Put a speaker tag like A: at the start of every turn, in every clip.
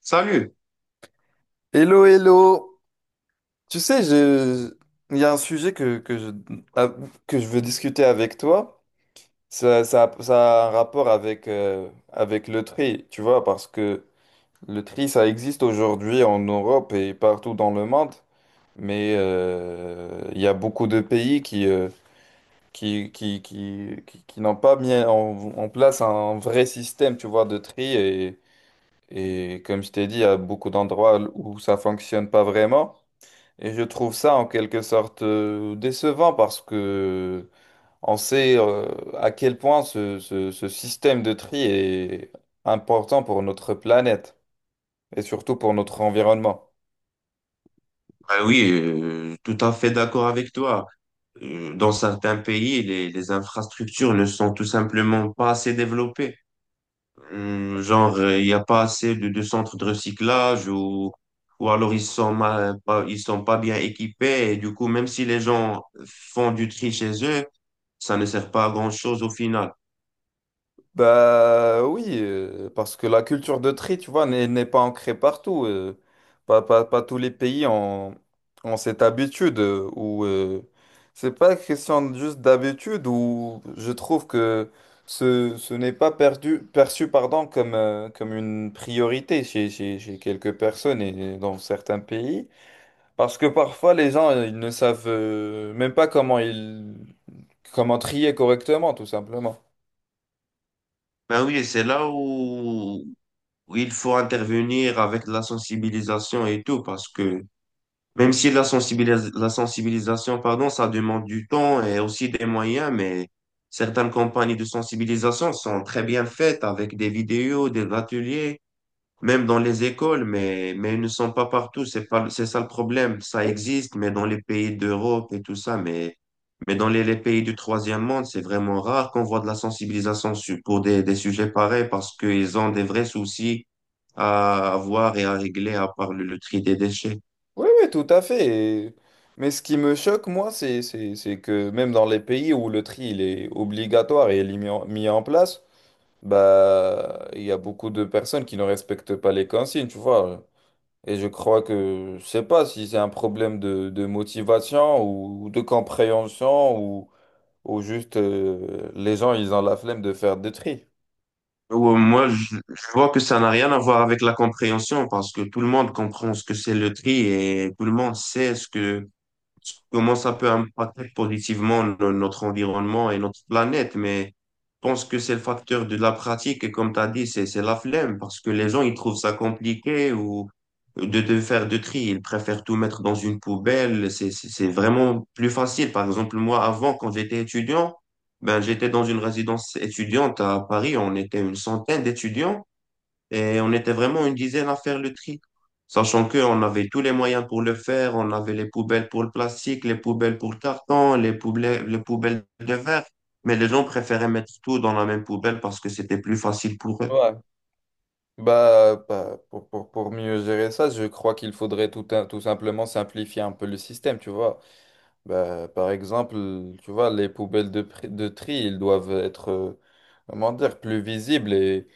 A: Salut.
B: Hello, hello. Tu sais, il y a un sujet ah, que je veux discuter avec toi. Ça a un rapport avec, avec le tri, tu vois, parce que le tri, ça existe aujourd'hui en Europe et partout dans le monde. Mais il y a beaucoup de pays qui n'ont pas mis en place un vrai système, tu vois, de tri. Et comme je t'ai dit, il y a beaucoup d'endroits où ça fonctionne pas vraiment. Et je trouve ça en quelque sorte décevant parce que on sait, à quel point ce système de tri est important pour notre planète et surtout pour notre environnement.
A: Ah oui, tout à fait d'accord avec toi. Dans certains pays, les infrastructures ne sont tout simplement pas assez développées. Genre, il n'y a pas assez de centres de recyclage ou alors ils sont mal- pas, ils sont pas bien équipés. Et du coup, même si les gens font du tri chez eux, ça ne sert pas à grand-chose au final.
B: Bah oui, parce que la culture de tri, tu vois, n'est pas ancrée partout. Pas tous les pays ont cette habitude. Ou c'est pas question juste d'habitude ou je trouve que ce n'est pas perçu pardon, comme, comme une priorité chez quelques personnes et dans certains pays. Parce que parfois les gens, ils ne savent, même pas comment trier correctement, tout simplement.
A: Ben oui, où il faut intervenir avec la sensibilisation et tout, parce que même si la la sensibilisation, pardon, ça demande du temps et aussi des moyens, mais certaines campagnes de sensibilisation sont très bien faites avec des vidéos, des ateliers, même dans les écoles, mais ils ne sont pas partout. C'est pas, c'est ça le problème. Ça existe, mais dans les pays d'Europe et tout ça, mais dans les pays du troisième monde, c'est vraiment rare qu'on voit de la sensibilisation pour des sujets pareils parce qu'ils ont des vrais soucis à avoir et à régler à part le tri des déchets.
B: Oui, oui, tout à fait. Et- Mais ce qui me choque, moi, c'est, c'est que même dans les pays où le tri il est obligatoire et il est mis en place, bah, il y a beaucoup de personnes qui ne respectent pas les consignes, tu vois. Et je crois que, je sais pas si c'est un problème de motivation ou de compréhension ou juste, les gens, ils ont la flemme de faire des tri.
A: Ouais, moi, je vois que ça n'a rien à voir avec la compréhension parce que tout le monde comprend ce que c'est le tri et tout le monde sait ce que comment ça peut impacter positivement notre environnement et notre planète, mais je pense que c'est le facteur de la pratique et comme tu as dit, c'est la flemme parce que les gens, ils trouvent ça compliqué ou de faire de tri, ils préfèrent tout mettre dans une poubelle, c'est vraiment plus facile. Par exemple, moi, avant, quand j'étais étudiant, ben, j'étais dans une résidence étudiante à Paris, on était une centaine d'étudiants. Et on était vraiment une dizaine à faire le tri, sachant qu'on avait tous les moyens pour le faire. On avait les poubelles pour le plastique, les poubelles pour le carton, les poubelles de verre. Mais les gens préféraient mettre tout dans la même poubelle parce que c'était plus facile pour eux.
B: Ouais. Pour mieux gérer ça, je crois qu'il faudrait tout simplement simplifier un peu le système, tu vois. Bah, par exemple, tu vois, les poubelles de tri, ils doivent être, comment dire, plus visibles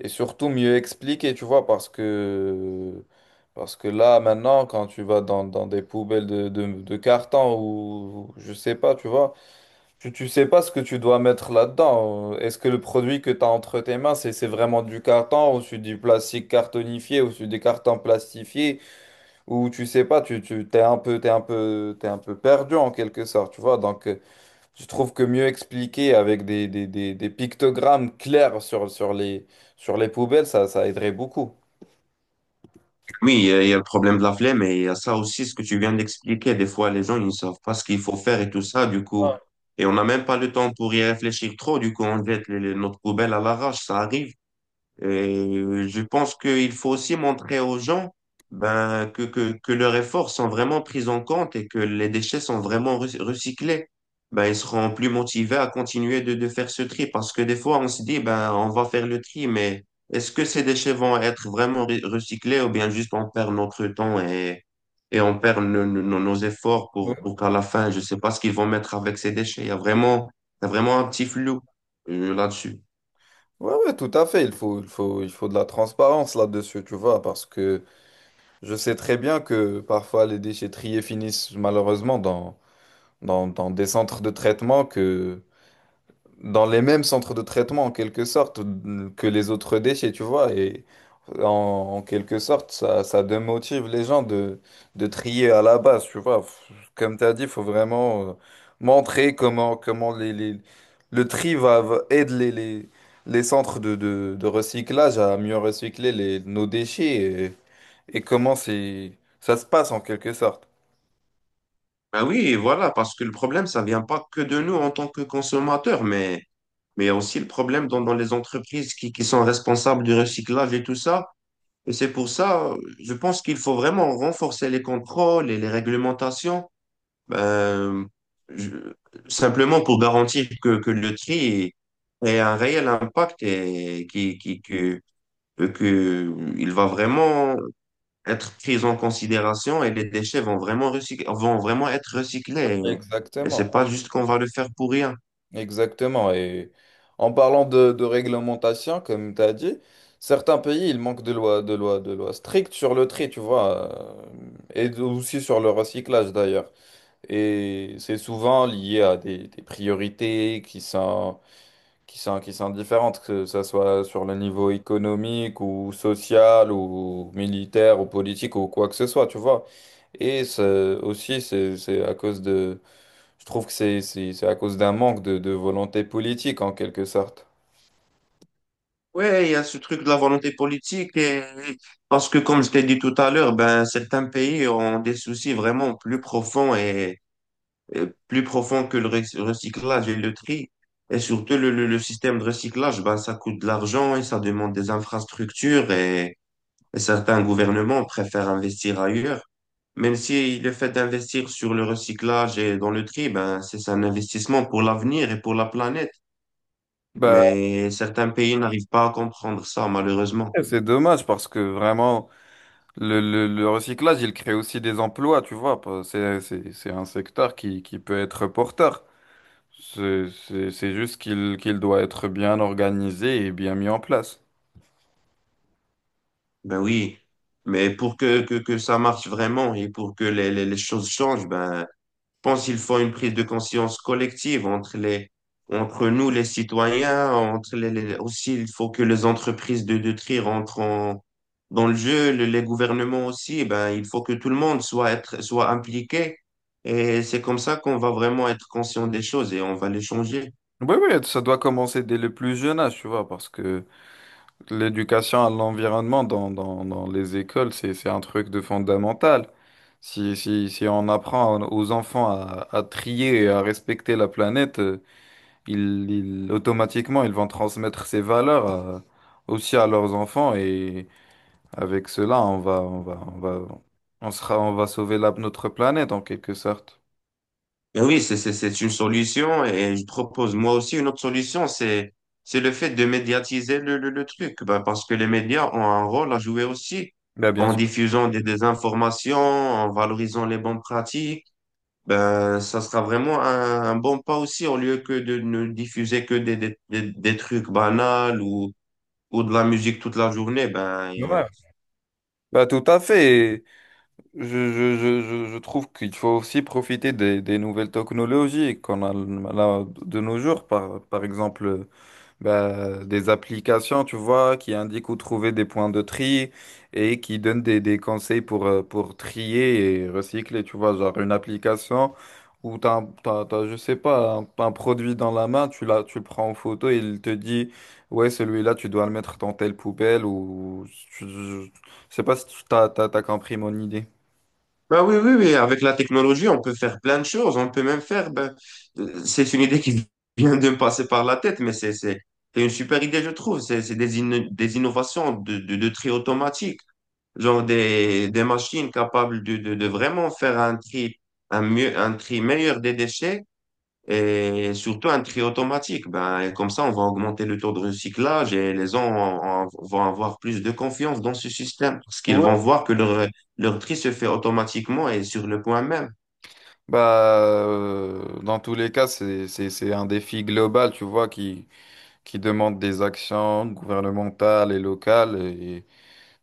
B: et surtout mieux expliquées, tu vois, parce que là, maintenant, quand tu vas dans des poubelles de carton ou je sais pas, tu vois, tu sais pas ce que tu dois mettre là-dedans. Est-ce que le produit que tu as entre tes mains, c'est vraiment du carton ou c'est du plastique cartonifié ou c'est des cartons plastifiés? Où tu sais pas, tu t'es un peu, t'es un peu perdu en quelque sorte, tu vois. Donc, je trouve que mieux expliquer avec des pictogrammes clairs sur les poubelles, ça aiderait beaucoup.
A: Oui, il y a le problème de la flemme, mais il y a ça aussi, ce que tu viens d'expliquer. Des fois, les gens, ils ne savent pas ce qu'il faut faire et tout ça, du coup. Et on n'a même pas le temps pour y réfléchir trop, du coup, on jette notre poubelle à l'arrache, ça arrive. Et je pense qu'il faut aussi montrer aux gens ben, que leurs efforts sont vraiment pris en compte et que les déchets sont vraiment recyclés. Ben, ils seront plus motivés à continuer de faire ce tri parce que des fois, on se dit, ben, on va faire le tri, mais est-ce que ces déchets vont être vraiment recyclés ou bien juste on perd notre temps et on perd nos efforts
B: Ouais.
A: pour qu'à la fin, je sais pas ce qu'ils vont mettre avec ces déchets. Il y a vraiment un petit flou là-dessus.
B: Ouais, ouais, tout à fait. Il faut de la transparence là-dessus, tu vois, parce que je sais très bien que parfois les déchets triés finissent malheureusement dans des centres de traitement que dans les mêmes centres de traitement en quelque sorte que les autres déchets, tu vois. Et en quelque sorte, ça démotive les gens de trier à la base, tu vois. Comme tu as dit, il faut vraiment, montrer comment le tri aide les centres de recyclage à mieux recycler les, nos déchets et comment c'est, ça se passe en quelque sorte.
A: Ben oui, et voilà, parce que le problème, ça vient pas que de nous en tant que consommateurs, mais il y a aussi le problème dans, dans les entreprises qui sont responsables du recyclage et tout ça. Et c'est pour ça, je pense qu'il faut vraiment renforcer les contrôles et les réglementations, ben, je- simplement pour garantir que le tri ait un réel impact et que il va vraiment être prise en considération et les déchets vont vraiment vont vraiment être recyclés. Et c'est
B: Exactement.
A: pas juste qu'on va le faire pour rien.
B: Exactement. Et en parlant de réglementation, comme tu as dit, certains pays, ils manquent de lois strictes sur le tri, tu vois, et aussi sur le recyclage d'ailleurs. Et c'est souvent lié à des priorités qui sont différentes, que ce soit sur le niveau économique ou social ou militaire ou politique ou quoi que ce soit, tu vois. Et c'est- c'est à cause de, je trouve que c'est à cause d'un manque de volonté politique en quelque sorte.
A: Ouais, il y a ce truc de la volonté politique et parce que comme je t'ai dit tout à l'heure, ben certains pays ont des soucis vraiment plus profonds et plus profonds que le recyclage et le tri. Et surtout le système de recyclage, ben ça coûte de l'argent et ça demande des infrastructures et certains gouvernements préfèrent investir ailleurs. Même si le fait d'investir sur le recyclage et dans le tri, ben, c'est un investissement pour l'avenir et pour la planète.
B: Bah,
A: Mais certains pays n'arrivent pas à comprendre ça, malheureusement.
B: c'est dommage parce que vraiment, le recyclage, il crée aussi des emplois, tu vois. C'est c'est un secteur qui peut être porteur. C'est c'est juste qu'il doit être bien organisé et bien mis en place.
A: Ben oui. Mais pour que ça marche vraiment et pour que les choses changent, ben, pense qu'il faut une prise de conscience collective entre les, entre nous, les citoyens, entre les, aussi, il faut que les entreprises de tri rentrent dans le jeu, les gouvernements aussi, eh ben, il faut que tout le monde soit impliqué. Et c'est comme ça qu'on va vraiment être conscient des choses et on va les changer.
B: Oui, oui, ça doit commencer dès le plus jeune âge, tu vois, parce que l'éducation à l'environnement dans les écoles, c'est un truc de fondamental. Si on apprend aux enfants à trier et à respecter la planète, ils, automatiquement, ils vont transmettre ces valeurs aussi à leurs enfants et avec cela, on va, on va sauver notre planète en quelque sorte.
A: Ben oui, c'est une solution et je propose moi aussi une autre solution, c'est le fait de médiatiser le truc, ben, parce que les médias ont un rôle à jouer aussi
B: Bah, bien
A: en
B: sûr.
A: diffusant des informations, en valorisant les bonnes pratiques. Ben, ça sera vraiment un bon pas aussi au lieu que de ne diffuser que des trucs banals ou de la musique toute la journée. Ben,
B: Ouais. Bah, tout à fait. Et Je, je trouve qu'il faut aussi profiter des nouvelles technologies qu'on a là de nos jours, par exemple. Bah, des applications, tu vois, qui indiquent où trouver des points de tri et qui donnent des conseils pour trier et recycler, tu vois, genre une application où t'as, je sais pas, un produit dans la main, tu le prends en photo et il te dit, ouais, celui-là, tu dois le mettre dans telle poubelle ou, je, je- je sais pas si t'as compris mon idée.
A: bah oui, oui, oui, avec la technologie, on peut faire plein de choses. On peut même faire, ben, c'est une idée qui vient de me passer par la tête, mais c'est une super idée, je trouve. C'est des, des innovations de tri automatique, genre des machines capables de vraiment faire un tri, un mieux, un tri meilleur des déchets et surtout un tri automatique. Ben, et comme ça, on va augmenter le taux de recyclage et les gens vont avoir plus de confiance dans ce système parce qu'ils vont
B: Ouais.
A: voir que leur tri se fait automatiquement et sur le point même.
B: Bah, dans tous les cas, c'est, c'est un défi global, tu vois, qui demandent des actions gouvernementales et locales. Et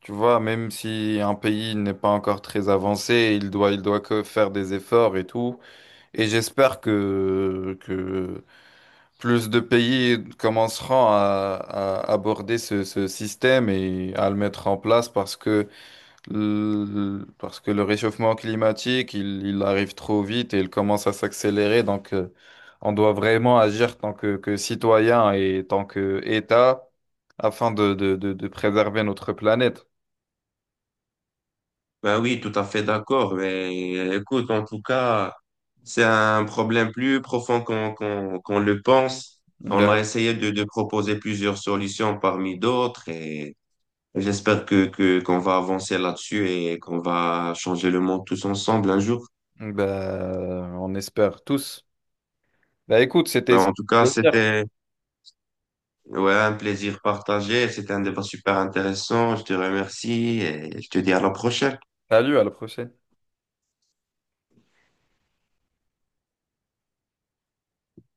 B: tu vois, même si un pays n'est pas encore très avancé, il doit que faire des efforts et tout. Et j'espère que plus de pays commenceront à aborder ce système et à le mettre en place parce que parce que le réchauffement climatique, il arrive trop vite et il commence à s'accélérer. Donc, on doit vraiment agir tant que citoyen et tant que État afin de préserver notre planète.
A: Ben oui, tout à fait d'accord. Mais écoute, en tout cas, c'est un problème plus profond qu'on le pense. On a
B: Ben,
A: essayé de proposer plusieurs solutions parmi d'autres et j'espère qu'on va avancer là-dessus et qu'on va changer le monde tous ensemble un jour.
B: ben, on espère tous. Ben, écoute, c'était...
A: Ben, en tout cas, c'était ouais, un plaisir partagé. C'était un débat super intéressant. Je te remercie et je te dis à la prochaine.
B: Salut, à la prochaine.